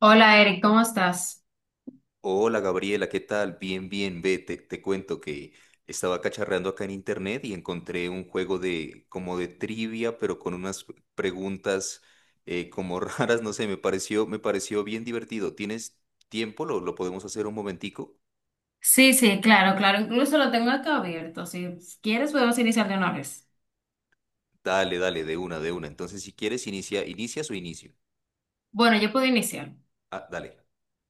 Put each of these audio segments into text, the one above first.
Hola Eric, ¿cómo estás? Hola Gabriela, ¿qué tal? Bien, bien, ve, te cuento que estaba cacharreando acá en internet y encontré un juego de como de trivia, pero con unas preguntas como raras, no sé, me pareció bien divertido. ¿Tienes tiempo? ¿Lo podemos hacer un momentico? Sí, sí, claro, claro. Incluso lo tengo acá abierto. Si quieres, podemos iniciar de una vez. Dale, dale, de una. Entonces, si quieres, inicia, ¿inicias o inicio? Bueno, yo puedo iniciar. Ah, dale.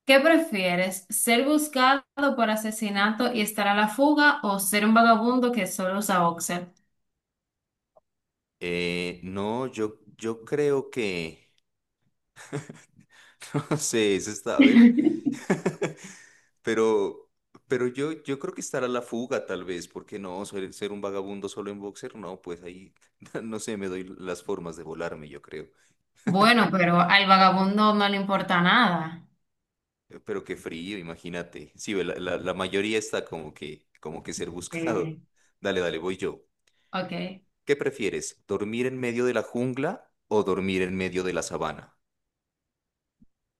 ¿Qué prefieres? ¿Ser buscado por asesinato y estar a la fuga o ser un vagabundo que solo usa boxer? No, yo creo no sé, eso está, a ver. Pero, pero yo creo que estará la fuga, tal vez, porque no, ser un vagabundo solo en boxer, no, pues ahí, no sé, me doy las formas de volarme, yo creo. Bueno, pero al vagabundo no le importa nada. Pero qué frío, imagínate. Sí, ve, la mayoría está como que ser buscado. Sí. Dale, dale, voy yo. Ok. ¿Qué prefieres? ¿Dormir en medio de la jungla o dormir en medio de la sabana?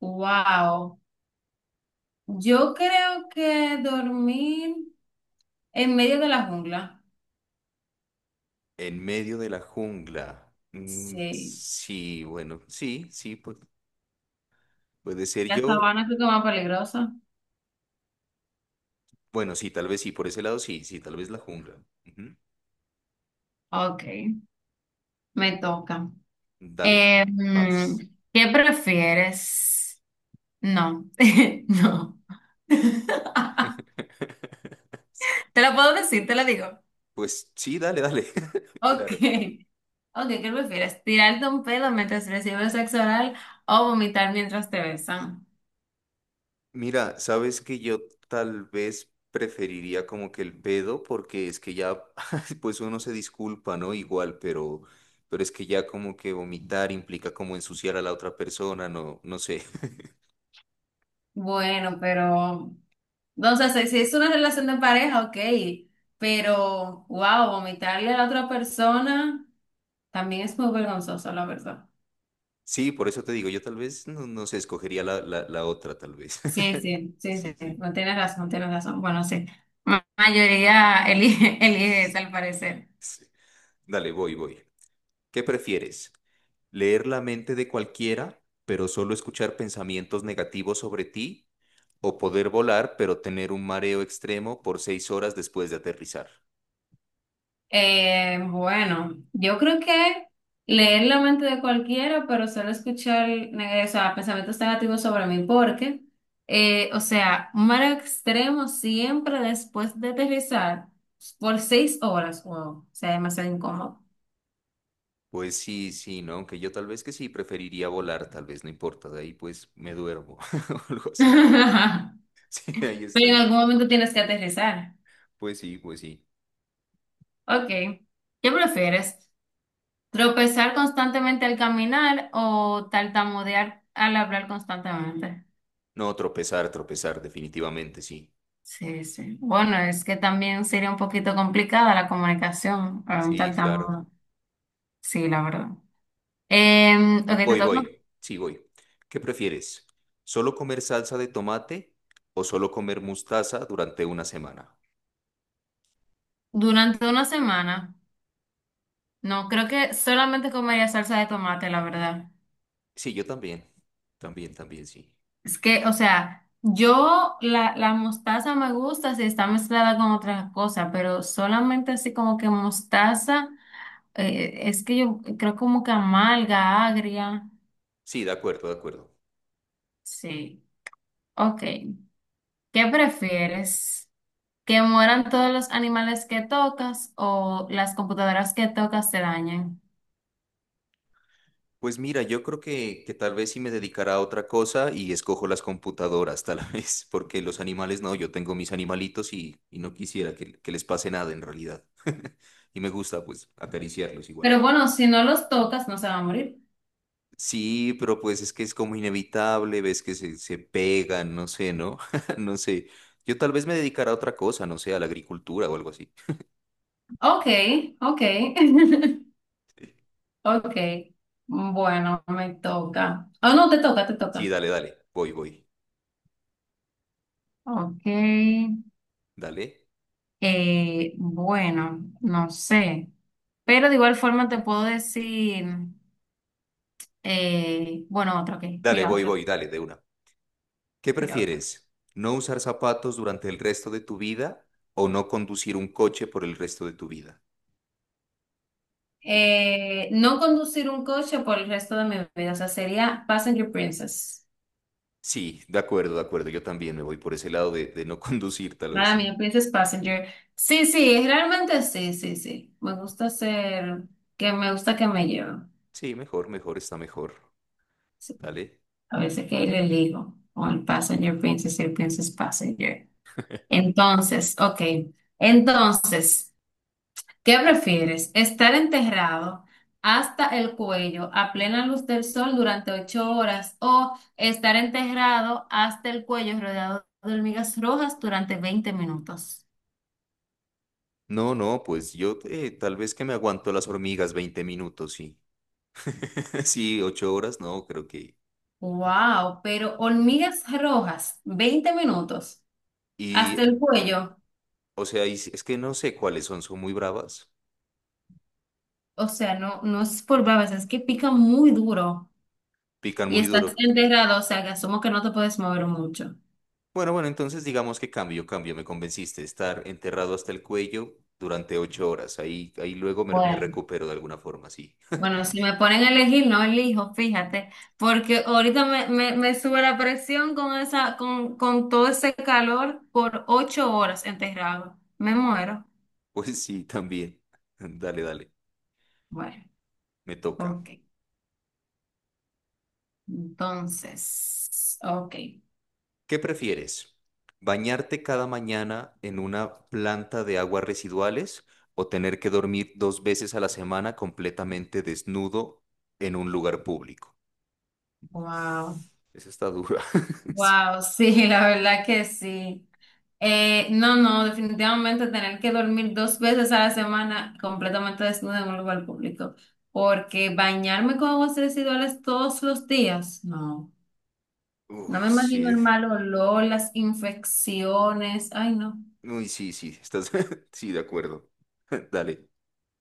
Wow. Yo creo que dormir en medio de la jungla. En medio de la jungla. Mm, Sí. sí, bueno, sí, sí, puede ser La yo. sabana creo que es más peligrosa. Bueno, sí, tal vez sí, por ese lado sí, sí, tal vez la jungla. Ujú. Ok, me toca. Dale, Eh, mm, paz. ¿Qué prefieres? No, no. Sí, Te lo puedo decir, te lo digo. pues sí, dale, dale. Ok, Claro. ok, ¿qué prefieres? ¿Tirarte un pedo mientras recibes sexo oral o vomitar mientras te besan? Mira, sabes que yo tal vez preferiría como que el pedo, porque es que ya, pues uno se disculpa, ¿no? Igual, pero es que ya como que vomitar implica como ensuciar a la otra persona, no, no sé. Bueno, pero, no sé, si es una relación de pareja, ok, pero, wow, vomitarle a la otra persona también es muy vergonzoso, la verdad. Sí, por eso te digo, yo tal vez, no, no sé, escogería la otra, tal vez. Sí, sí, sí, Sí, sí, sí. no tienes razón, tienes razón. Bueno, sí, la mayoría elige, elige esa al parecer. Sí. Dale, voy, voy. ¿Qué prefieres? Leer la mente de cualquiera, pero solo escuchar pensamientos negativos sobre ti, o poder volar, pero tener un mareo extremo por 6 horas después de aterrizar. Bueno, yo creo que leer la mente de cualquiera, pero solo escuchar o sea, pensamientos negativos sobre mí, porque, o sea, un mar extremo siempre después de aterrizar por 6 horas, wow, o sea, demasiado incómodo. Pues sí, sí, ¿no? Aunque yo tal vez que sí preferiría volar, tal vez no importa, de ahí pues me duermo o algo así, ¿no? Sí, ahí Pero están en como. algún momento tienes que aterrizar. Pues sí, pues sí. Ok, ¿qué prefieres? Tropezar constantemente al caminar o tartamudear al hablar constantemente. No, tropezar, tropezar, definitivamente sí. Sí, sí. Bueno, es que también sería un poquito complicada la comunicación para un Sí, claro. tartamudo. Sí, la verdad. Ok, No, te voy, toca. voy. Sí, voy. ¿Qué prefieres? ¿Solo comer salsa de tomate o solo comer mostaza durante una semana? Durante una semana, no, creo que solamente comería salsa de tomate, la verdad. Sí, yo también. También, también, sí. Es que, o sea, yo la mostaza me gusta si está mezclada con otras cosas, pero solamente así como que mostaza, es que yo creo como que amarga, agria. Sí, de acuerdo, de acuerdo. Sí. Ok. ¿Qué prefieres? ¿Que mueran todos los animales que tocas o las computadoras que tocas se dañen? Pues mira, yo creo que tal vez sí me dedicará a otra cosa y escojo las computadoras, tal vez, porque los animales no, yo tengo mis animalitos y no quisiera que les pase nada en realidad. Y me gusta pues acariciarlos igual. Pero bueno, si no los tocas, no se va a morir. Sí, pero pues es que es como inevitable, ves que se pegan, no sé, ¿no? No sé. Yo tal vez me dedicara a otra cosa, no sé, a la agricultura o algo así. Ok, ok. Ok. Bueno, me toca. Oh, no, te toca, te Sí, toca. dale, dale, voy, voy. Ok, eh, Dale, bueno, no sé, pero de igual forma te puedo decir, bueno, otra, ok, dale, mira voy, otra, voy, dale, de una. ¿Qué mira otra. prefieres? ¿No usar zapatos durante el resto de tu vida o no conducir un coche por el resto de tu vida? No conducir un coche por el resto de mi vida, o sea, sería Passenger Princess. Sí, de acuerdo, de acuerdo. Yo también me voy por ese lado de no conducir, tal vez Para mí, sí. Princess Passenger. Sí, sí, realmente sí, sí, sí. Me gusta ser, que me gusta que me lleven. Sí, mejor, mejor, está mejor. Sí, Dale. a veces que ahí le elijo, o el Passenger Princess y el Princess Passenger. Entonces, ok. Entonces, ¿qué prefieres? ¿Estar enterrado hasta el cuello a plena luz del sol durante 8 horas o estar enterrado hasta el cuello rodeado de hormigas rojas durante 20 minutos? No, no, pues yo tal vez que me aguanto las hormigas 20 minutos, sí. Sí, 8 horas, no, creo que... Wow, pero hormigas rojas, 20 minutos Y, hasta el cuello. o sea, es que no sé cuáles son, son muy bravas, O sea, no, no es por babas, es que pica muy duro pican y muy estás duro. enterrado, o sea, que asumo que no te puedes mover mucho. Bueno, bueno, entonces digamos que cambio, cambio, me convenciste, estar enterrado hasta el cuello durante 8 horas, ahí, ahí luego me Bueno. recupero de alguna forma, sí. Bueno, si me ponen a elegir, no elijo, fíjate, porque ahorita me sube la presión con esa, con todo ese calor por 8 horas enterrado. Me muero. Pues sí, también. Dale, dale, Bueno, me toca. ok. Entonces, ok. ¿Qué prefieres? ¿Bañarte cada mañana en una planta de aguas residuales o tener que dormir 2 veces a la semana completamente desnudo en un lugar público? Wow. Esa está dura. Sí. Wow, sí, la verdad que sí. No, no, definitivamente tener que dormir 2 veces a la semana completamente desnuda en un lugar público, porque bañarme con aguas residuales todos los días, no. No Uf, me imagino el sí. mal olor, las infecciones. Ay, no. Uy, sí, sí, estás... Sí, de acuerdo. Dale,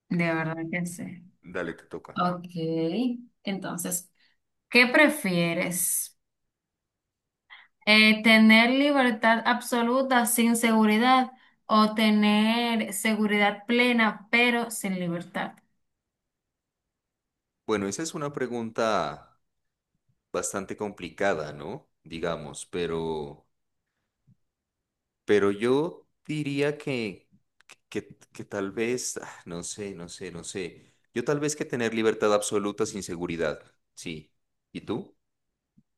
De verdad que sí. dale, te toca. Ok. Entonces, ¿qué prefieres? ¿Tener libertad absoluta sin seguridad o tener seguridad plena pero sin libertad? Bueno, esa es una pregunta bastante complicada, ¿no? Digamos, pero... Pero yo diría que tal vez, ah, no sé, no sé, no sé. Yo tal vez que tener libertad absoluta sin seguridad. Sí. ¿Y tú?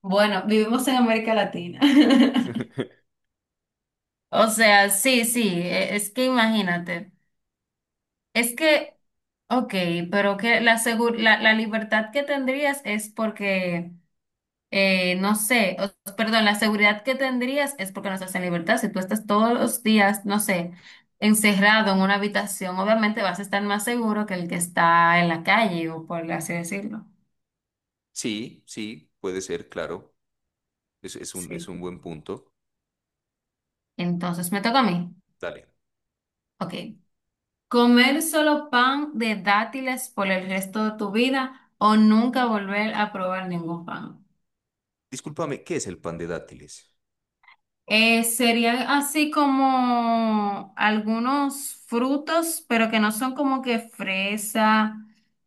Bueno, vivimos en América Latina. O sea, sí, sí, e- es que imagínate, es que, ok, pero que la, segur- la libertad que tendrías es porque no sé, o- perdón, la seguridad que tendrías es porque no estás en libertad. Si tú estás todos los días, no sé, encerrado en una habitación, obviamente vas a estar más seguro que el que está en la calle o por así decirlo. Sí, sí, puede ser, claro. Es, es Sí. un buen punto. Entonces me toca a mí. Dale. Ok. ¿Comer solo pan de dátiles por el resto de tu vida o nunca volver a probar ningún pan? Discúlpame, ¿qué es el pan de dátiles? Serían así como algunos frutos, pero que no son como que fresa.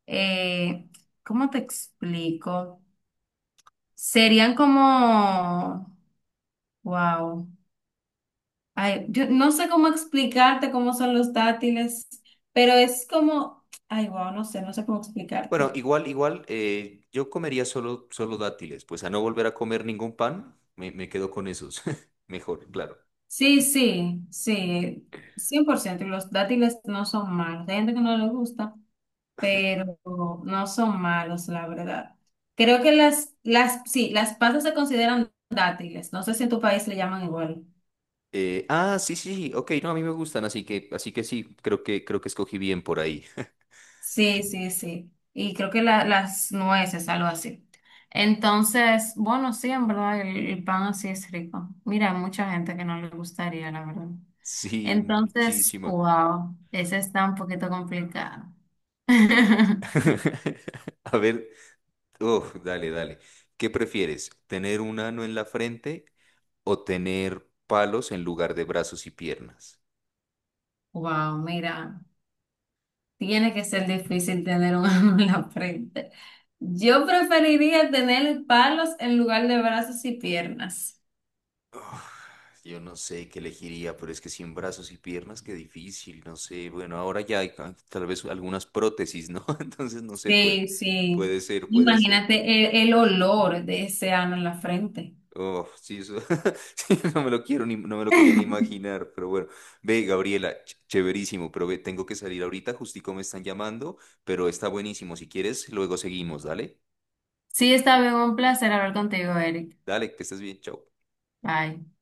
eh, ¿Cómo te explico? Serían como, wow. Ay, yo no sé cómo explicarte cómo son los dátiles, pero es como, ay, wow, no sé, no sé cómo Bueno, explicarte. igual, igual, yo comería solo, solo dátiles, pues a no volver a comer ningún pan, me quedo con esos. Mejor, claro. Sí, sí, sí, 100%. Y los dátiles no son malos. Hay gente que no les gusta, pero no son malos, la verdad. Creo que sí, las pasas se consideran dátiles. No sé si en tu país le llaman igual. Sí, sí, sí, ok, no, a mí me gustan, así que sí, creo creo que escogí bien por ahí. Sí, sí, sí. Y creo que la- las nueces, algo así. Entonces, bueno, sí, en verdad, el pan así es rico. Mira, hay mucha gente que no le gustaría, la verdad. Sí, Entonces, muchísima. wow, ese está un poquito complicado. A ver, uf, dale, dale. ¿Qué prefieres? ¿Tener un ano en la frente o tener palos en lugar de brazos y piernas? Wow, mira. Tiene que ser difícil tener un ángulo en la frente. Yo preferiría tener palos en lugar de brazos y piernas. Uf, yo no sé qué elegiría, pero es que sin brazos y piernas, qué difícil, no sé. Bueno, ahora ya hay tal vez algunas prótesis, ¿no? Entonces no sé, puede, Sí, sí. puede ser, puede ser. Imagínate el olor de ese ano en la frente. Oh, sí, eso, sí, no me lo quiero ni, no me lo quería ni imaginar, pero bueno. Ve, Gabriela, chéverísimo, pero ve, tengo que salir ahorita, justico me están llamando, pero está buenísimo. Si quieres, luego seguimos, dale. Sí, está bien, un placer hablar contigo, Eric. Dale, que estés bien, chao. Bye.